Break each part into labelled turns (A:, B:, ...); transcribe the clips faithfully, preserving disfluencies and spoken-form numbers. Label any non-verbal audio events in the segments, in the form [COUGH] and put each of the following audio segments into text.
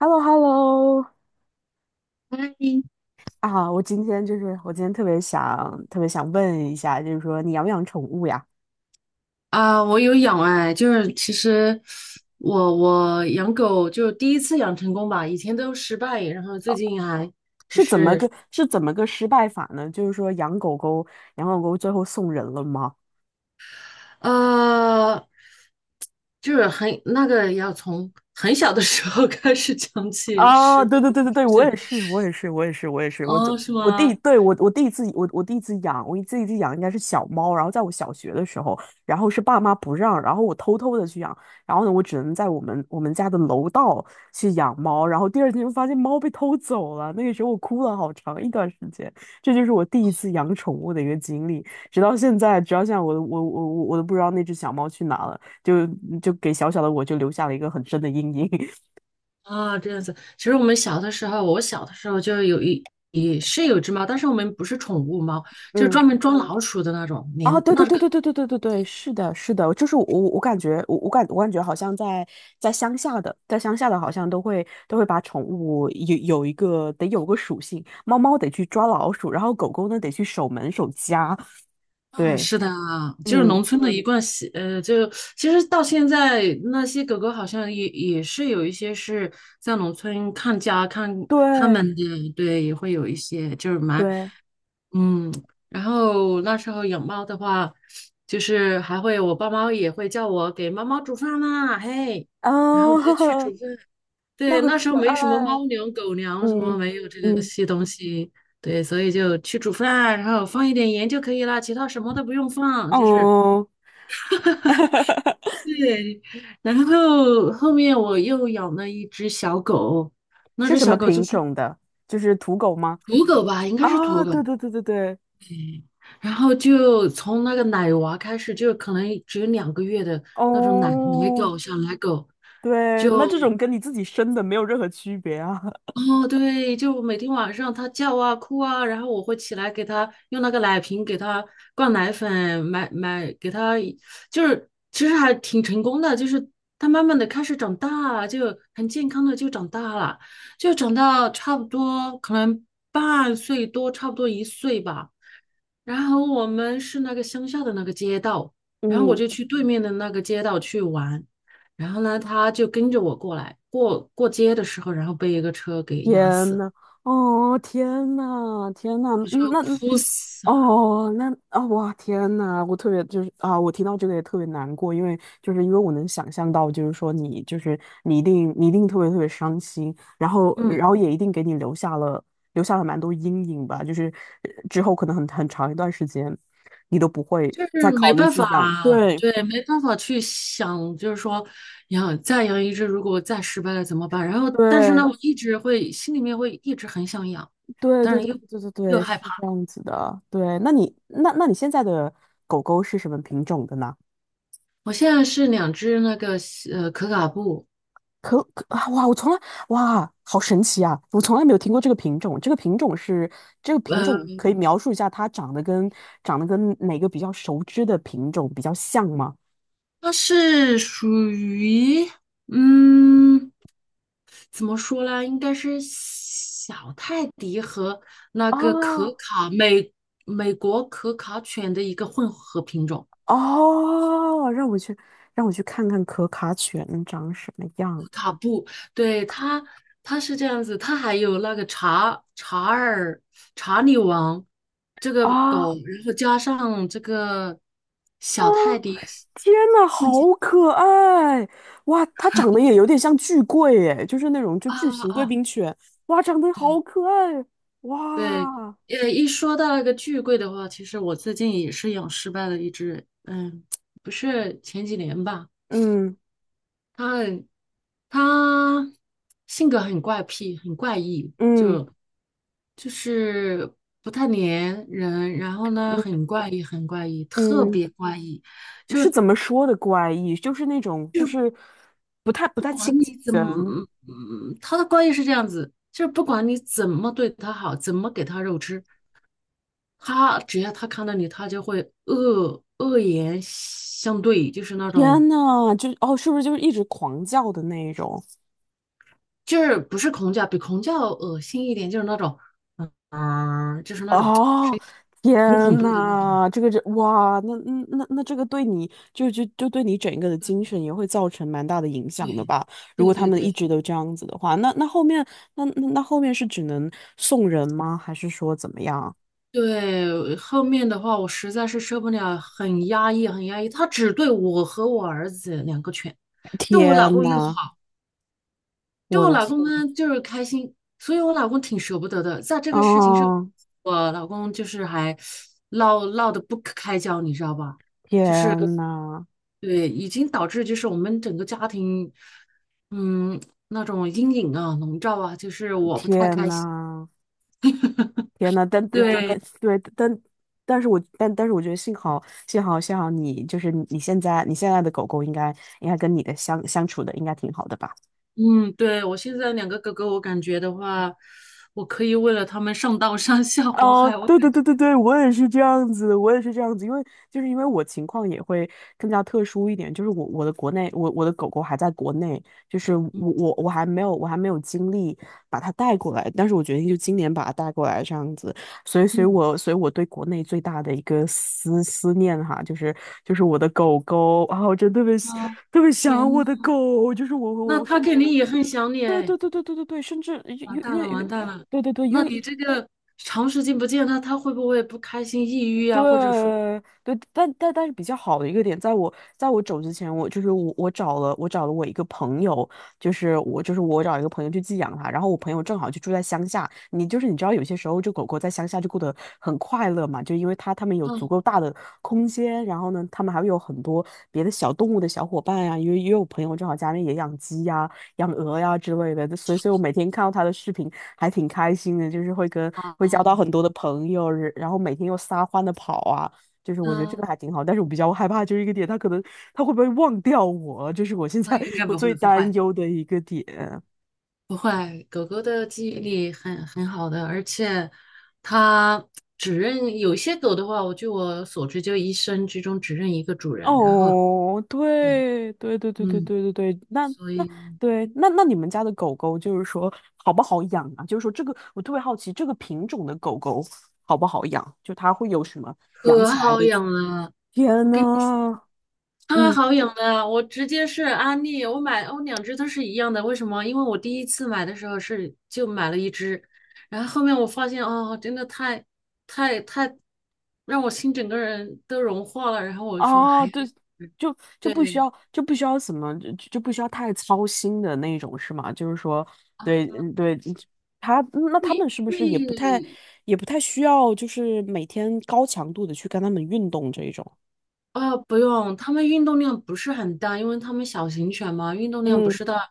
A: h e l l o hello
B: 哎
A: 啊，我今天就是我今天特别想特别想问一下，就是说你养不养宠物呀？
B: 啊，我有养哎，就是其实我我养狗就第一次养成功吧，以前都失败，然后最近还就
A: 是怎么
B: 是
A: 个是怎么个失败法呢？就是说养狗狗，养狗狗最后送人了吗？
B: 呃，就是很那个要从很小的时候 [LAUGHS] 开始讲起
A: 啊，
B: 失败。
A: 对对对对对，我
B: 对，
A: 也是，我也是，我也是，我也是，我走，
B: 哦，是
A: 我第
B: 吗？
A: 对，我我第一次我我第一次养，我第一次养应该是小猫，然后在我小学的时候，然后是爸妈不让，然后我偷偷的去养，然后呢，我只能在我们我们家的楼道去养猫，然后第二天就发现猫被偷走了，那个时候我哭了好长一段时间，这就是我第一次养宠物的一个经历，直到现在，直到现在我我我我我都不知道那只小猫去哪了，就就给小小的我就留下了一个很深的阴影，[LAUGHS]
B: 啊，这样子。其实我们小的时候，我小的时候就有一也是有只猫，但是我们不是宠物猫，就是
A: 嗯
B: 专门装老鼠的那种，
A: 啊，
B: 连
A: 对
B: 那
A: 对对
B: 个。
A: 对对对对对对，是的，是的，就是我我感觉我我感我感觉好像在在乡下的，在乡下的好像都会都会把宠物有有一个得有个属性，猫猫得去抓老鼠，然后狗狗呢得去守门守家，
B: 啊，
A: 对，
B: 是的啊，就是农
A: 嗯，
B: 村的一贯习，呃，就其实到现在那些狗狗好像也也是有一些是在农村看家看它
A: 对
B: 们的，对，也会有一些就是蛮，
A: 对，
B: 嗯，然后那时候养猫的话，就是还会我爸妈也会叫我给猫猫煮饭啦，嘿，
A: 啊，
B: 然后我就去煮
A: [LAUGHS]
B: 饭，对，
A: 那很
B: 那时候
A: 可
B: 没什么
A: 爱，
B: 猫粮、狗粮什么，
A: 嗯
B: 没有这个
A: 嗯，
B: 些东西。对，所以就去煮饭啊，然后放一点盐就可以了，其他什么都不用放。就是
A: 哦，
B: 对，然后后面我又养了一只小狗，那
A: 是
B: 只
A: 什
B: 小
A: 么
B: 狗就
A: 品
B: 是
A: 种的？就是土狗吗？
B: 土狗吧，应该是土
A: 啊，对
B: 狗。
A: 对对对对，
B: 然后就从那个奶娃开始，就可能只有两个月的那种奶奶
A: 哦。
B: 狗、小奶狗，
A: 对，
B: 就
A: 那这种跟你自己生的没有任何区别啊。[LAUGHS]
B: 哦，对，就每天晚上他叫啊哭啊，然后我会起来给他用那个奶瓶给他灌奶粉，买买给他，就是其实还挺成功的，就是他慢慢的开始长大，就很健康的就长大了，就长到差不多可能半岁多，差不多一岁吧。然后我们是那个乡下的那个街道，然后我
A: 嗯，
B: 就去对面的那个街道去玩，然后呢，他就跟着我过来，过过街的时候，然后被一个车给压
A: 天
B: 死，
A: 呐，哦，天呐，天呐，
B: 我就
A: 嗯，那，嗯
B: 哭死了。
A: 哦，那啊，哇，天呐，我特别就是啊，我听到这个也特别难过，因为就是因为我能想象到，就是说你就是你一定你一定特别特别伤心，然后
B: 嗯，
A: 然后也一定给你留下了留下了蛮多阴影吧，就是呃之后可能很很长一段时间，你都不会
B: 就是
A: 再
B: 没
A: 考虑
B: 办
A: 去
B: 法，
A: 养，对
B: 对，没办法去想，就是说养再养一只，如果再失败了怎么办？然后，但是呢，
A: 对。
B: 我一直会心里面会一直很想养，
A: 对
B: 但
A: 对
B: 是
A: 对
B: 又
A: 对对
B: 又
A: 对，
B: 害
A: 是这
B: 怕。
A: 样子的。对，那你那那你现在的狗狗是什么品种的呢？
B: 我现在是两只那个呃可卡布。
A: 可可啊，哇，我从来哇，好神奇啊！我从来没有听过这个品种。这个品种是这个品种，
B: 呃。
A: 可以描述一下它长得跟长得跟哪个比较熟知的品种比较像吗？
B: 它是属于，嗯，怎么说呢？应该是小泰迪和那个可
A: 啊
B: 卡美美国可卡犬的一个混合品种，
A: 哦，让我去让我去看看可卡犬长什么样
B: 可卡布。对，它，它是这样子，它还有那个查查尔查理王这个狗，
A: 啊。
B: 然后加上这个
A: 啊，
B: 小泰迪
A: 天呐，好
B: 混起
A: 可爱！哇，它长得也有点像巨贵诶，就是那种就
B: 啊
A: 巨型贵
B: 啊。
A: 宾犬。哇，长得好可爱！
B: 对，
A: 哇，
B: 呃，一说到那个巨贵的话，其实我最近也是养失败了一只，嗯，不是前几年吧，
A: 嗯
B: 它很，它性格很怪癖，很怪异，
A: 嗯
B: 就是不太粘人，然后呢，
A: 嗯
B: 很怪异，很怪异，特
A: 嗯，
B: 别怪异。
A: 是怎么说的怪异？就是那种就是不太不太亲近
B: 你怎么，
A: 人。
B: 嗯嗯，它的怪异是这样子，就是不管你怎么对它好，怎么给它肉吃，它只要它看到你，它就会恶恶言相对，就是那种。
A: 天呐，就哦，是不是就是一直狂叫的那一种？
B: 就是不是恐叫，比恐叫恶心一点，就是那种，嗯、就是那种声
A: 哦，天
B: 音很恐怖的那种。
A: 呐，这个这哇，那那那那这个对你就就就对你整个的精神也会造成蛮大的影响的
B: 对，
A: 吧？如
B: 对
A: 果他
B: 对
A: 们一
B: 对
A: 直都这样子的话，那那后面那那那后面是只能送人吗？还是说怎么样？
B: 对，后面的话我实在是受不了，很压抑，很压抑。他只对我和我儿子两个犬，对我老
A: 天
B: 公也好，
A: 呐，
B: 对
A: 我
B: 我
A: 的
B: 老
A: 天，
B: 公呢就是开心，所以我老公挺舍不得的。在这个事情上，
A: 哦，
B: 我老公就是还闹闹得不可开交，你知道吧？就是。
A: 天呐，
B: 对，已经导致就是我们整个家庭，嗯，那种阴影啊、笼罩啊，就是我不太
A: 天
B: 开心。
A: 呐。天呐，但但但
B: 对，
A: 但对，但但是我但但是我觉得幸好幸好幸好你就是你现在你现在的狗狗应该应该跟你的相相处的应该挺好的吧？
B: 嗯，对，我现在两个哥哥，我感觉的话，我可以为了他们上刀山下火
A: 哦，
B: 海。我，
A: 对对对对对，我也是这样子，我也是这样子，因为就是因为我情况也会更加特殊一点，就是我我的国内，我我的狗狗还在国内，就是我我我还没有我还没有精力把它带过来，但是我决定就今年把它带过来这样子，所以所以
B: 嗯
A: 我所以我对国内最大的一个思思念哈，就是就是我的狗狗啊，我真的特别喜
B: 啊，
A: 特别
B: 天
A: 想我
B: 呐，
A: 的狗，就是我
B: 那
A: 我我
B: 他
A: 甚
B: 肯
A: 至
B: 定也很想你
A: 对
B: 哎，
A: 对对对对对对，甚至
B: 完
A: 越
B: 蛋
A: 越
B: 了，完
A: 越。
B: 蛋了。
A: 对对对，因
B: 那
A: 为
B: 你这个长时间不见他，他会不会不开心、抑郁啊，
A: 对
B: 或者说，
A: 对，但但但是比较好的一个点，在我在我走之前，我就是我我找了我找了我一个朋友，就是我就是我找一个朋友去寄养它，然后我朋友正好就住在乡下，你就是你知道有些时候就狗狗在乡下就过得很快乐嘛，就因为它它们有足
B: 嗯
A: 够大的空间，然后呢，它们还会有很多别的小动物的小伙伴呀、因为也有朋友正好家里也养鸡呀、养鹅呀之类的，所以所以我每天看到他的视频还挺开心的，就是会跟
B: 啊
A: 会交到很多的朋友，然后每天又撒欢的跑啊，就是我觉得这
B: 啊，
A: 个还挺好，但是我比较害怕就是一个点，他可能他会不会忘掉我，这是我现
B: 那
A: 在
B: 应该
A: 我
B: 不会，
A: 最
B: 不会。
A: 担忧的一个点。
B: 不会，狗狗的记忆力很很好的，而且它只认有些狗的话，我据我所知，就一生之中只认一个主人。然后，
A: 哦，
B: 对，
A: 对对对对对
B: 嗯，
A: 对对对，那
B: 所
A: 那
B: 以
A: 对，那那你们家的狗狗就是说好不好养啊？就是说这个我特别好奇，这个品种的狗狗好不好养？就它会有什么养
B: 可
A: 起来
B: 好
A: 的？
B: 养了，我
A: 天
B: 跟你说，
A: 呐，
B: 太
A: 嗯，
B: 好养了，我直接是安利，我买我两只都是一样的，为什么？因为我第一次买的时候是就买了一只，然后后面我发现哦，真的太太太让我心整个人都融化了，然后我说
A: 啊，
B: 还有
A: 对，
B: 一
A: 就就不需
B: 对。
A: 要就不需要什么就就不需要太操心的那种是吗？就是说，对，嗯对，他那他们是不
B: 对，
A: 是也不太也不太需要，就是每天高强度的去跟他们运动这一种？
B: 啊、不用，他们运动量不是很大，因为他们小型犬嘛，运动量不
A: 嗯，
B: 是大，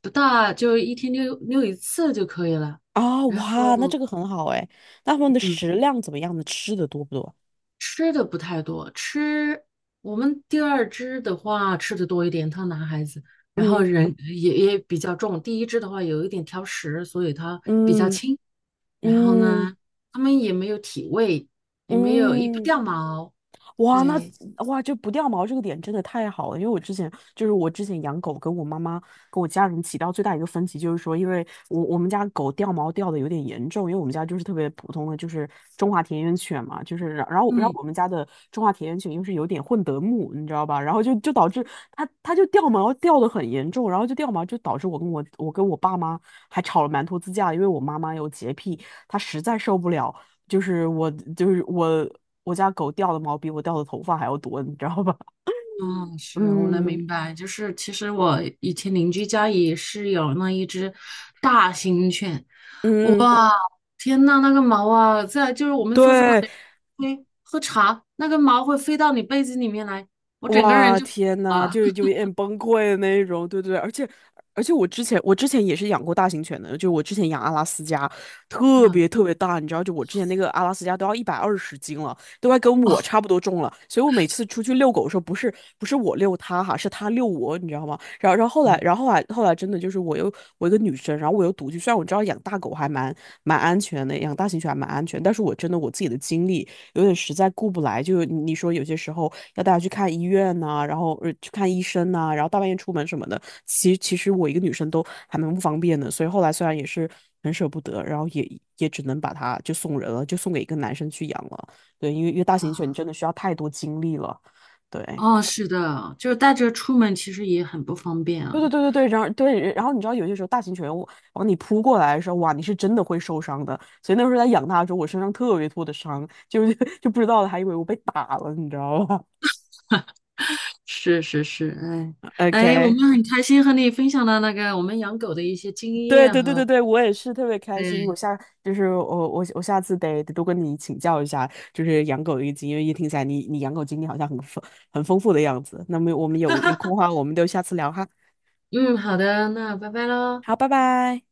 B: 不大，就一天遛遛一次就可以了。
A: 啊，
B: 然
A: 哇，那
B: 后，
A: 这个很好哎。那他们的
B: 嗯，
A: 食量怎么样呢？吃的多不多？
B: 吃的不太多，吃我们第二只的话吃的多一点，它男孩子，然后
A: 嗯
B: 人也也比较重，第一只的话有一点挑食，所以它比较
A: 嗯
B: 轻。然后
A: 嗯
B: 呢，它们也没有体味，也没有也不
A: 嗯。
B: 掉毛，
A: 哇，那
B: 对，
A: 哇，就不掉毛这个点真的太好了，因为我之前就是我之前养狗，跟我妈妈跟我家人起到最大一个分歧就是说，因为我我们家狗掉毛掉的有点严重，因为我们家就是特别普通的就是中华田园犬嘛，就是然然后然后
B: 嗯。
A: 我们家的中华田园犬又是有点混德牧，你知道吧？然后就就导致它它就掉毛掉的很严重，然后就掉毛就导致我跟我我跟我爸妈还吵了蛮多次架，因为我妈妈有洁癖，她实在受不了。就是我就是我我家狗掉的毛比我掉的头发还要多，你知道吧？
B: 嗯，
A: [LAUGHS]
B: 是我能
A: 嗯
B: 明白，就是其实我以前邻居家也是有那一只大型犬，
A: 嗯，
B: 哇，天呐，那个毛啊，在就是我们坐在
A: 对，
B: 那里吹喝茶，那个毛会飞到你被子里面来，我整个人
A: 哇，
B: 就
A: 天呐，
B: 啊，
A: 就就有点崩溃的那种，对对对，而且而且我之前我之前也是养过大型犬的，就我之前养阿拉斯加，
B: [LAUGHS]
A: 特
B: 嗯，
A: 别特别大，你知道，就我之前那个阿拉斯加都要一百二十斤了，都快跟
B: 哦，
A: 我差不多重了，所以我每次出去遛狗的时候，不是不是我遛它哈，是它遛我，你知道吗？然后然后后来
B: 嗯
A: 然后后来后来真的就是我又我一个女生，然后我又独居，虽然我知道养大狗还蛮蛮安全的，养大型犬还蛮安全，但是我真的我自己的经历。有点实在顾不来，就你说有些时候要带它去看医院呐、然后呃去看医生呐、然后大半夜出门什么的，其实其实我一个女生都还蛮不方便的，所以后来虽然也是很舍不得，然后也也只能把它就送人了，就送给一个男生去养了。对，因为因为大型犬
B: 啊，
A: 真的需要太多精力了，对。
B: 哦，是的，就是带着出门其实也很不方便啊，
A: 对对对对对，然后对，然后你知道有些时候大型犬往往你扑过来的时候，哇，你是真的会受伤的。所以那时候在养它的时候，我身上特别多的伤，就是 [LAUGHS] 就不知道它还以为我被打了，你知道吧？
B: 是是是，哎哎，我
A: O K，
B: 们很开心和你分享了那个我们养狗的一些经
A: 对
B: 验
A: 对对
B: 和，
A: 对对，我也是特别开心。我
B: 对，
A: 下就是我我我下次得得多跟你请教一下，就是养狗的一个经验，因为一听起来你你养狗经历好像很丰很丰富的样子。那么我们有有空的话，我们就下次聊哈。
B: 嗯，好的，那拜拜喽。
A: 好，拜拜。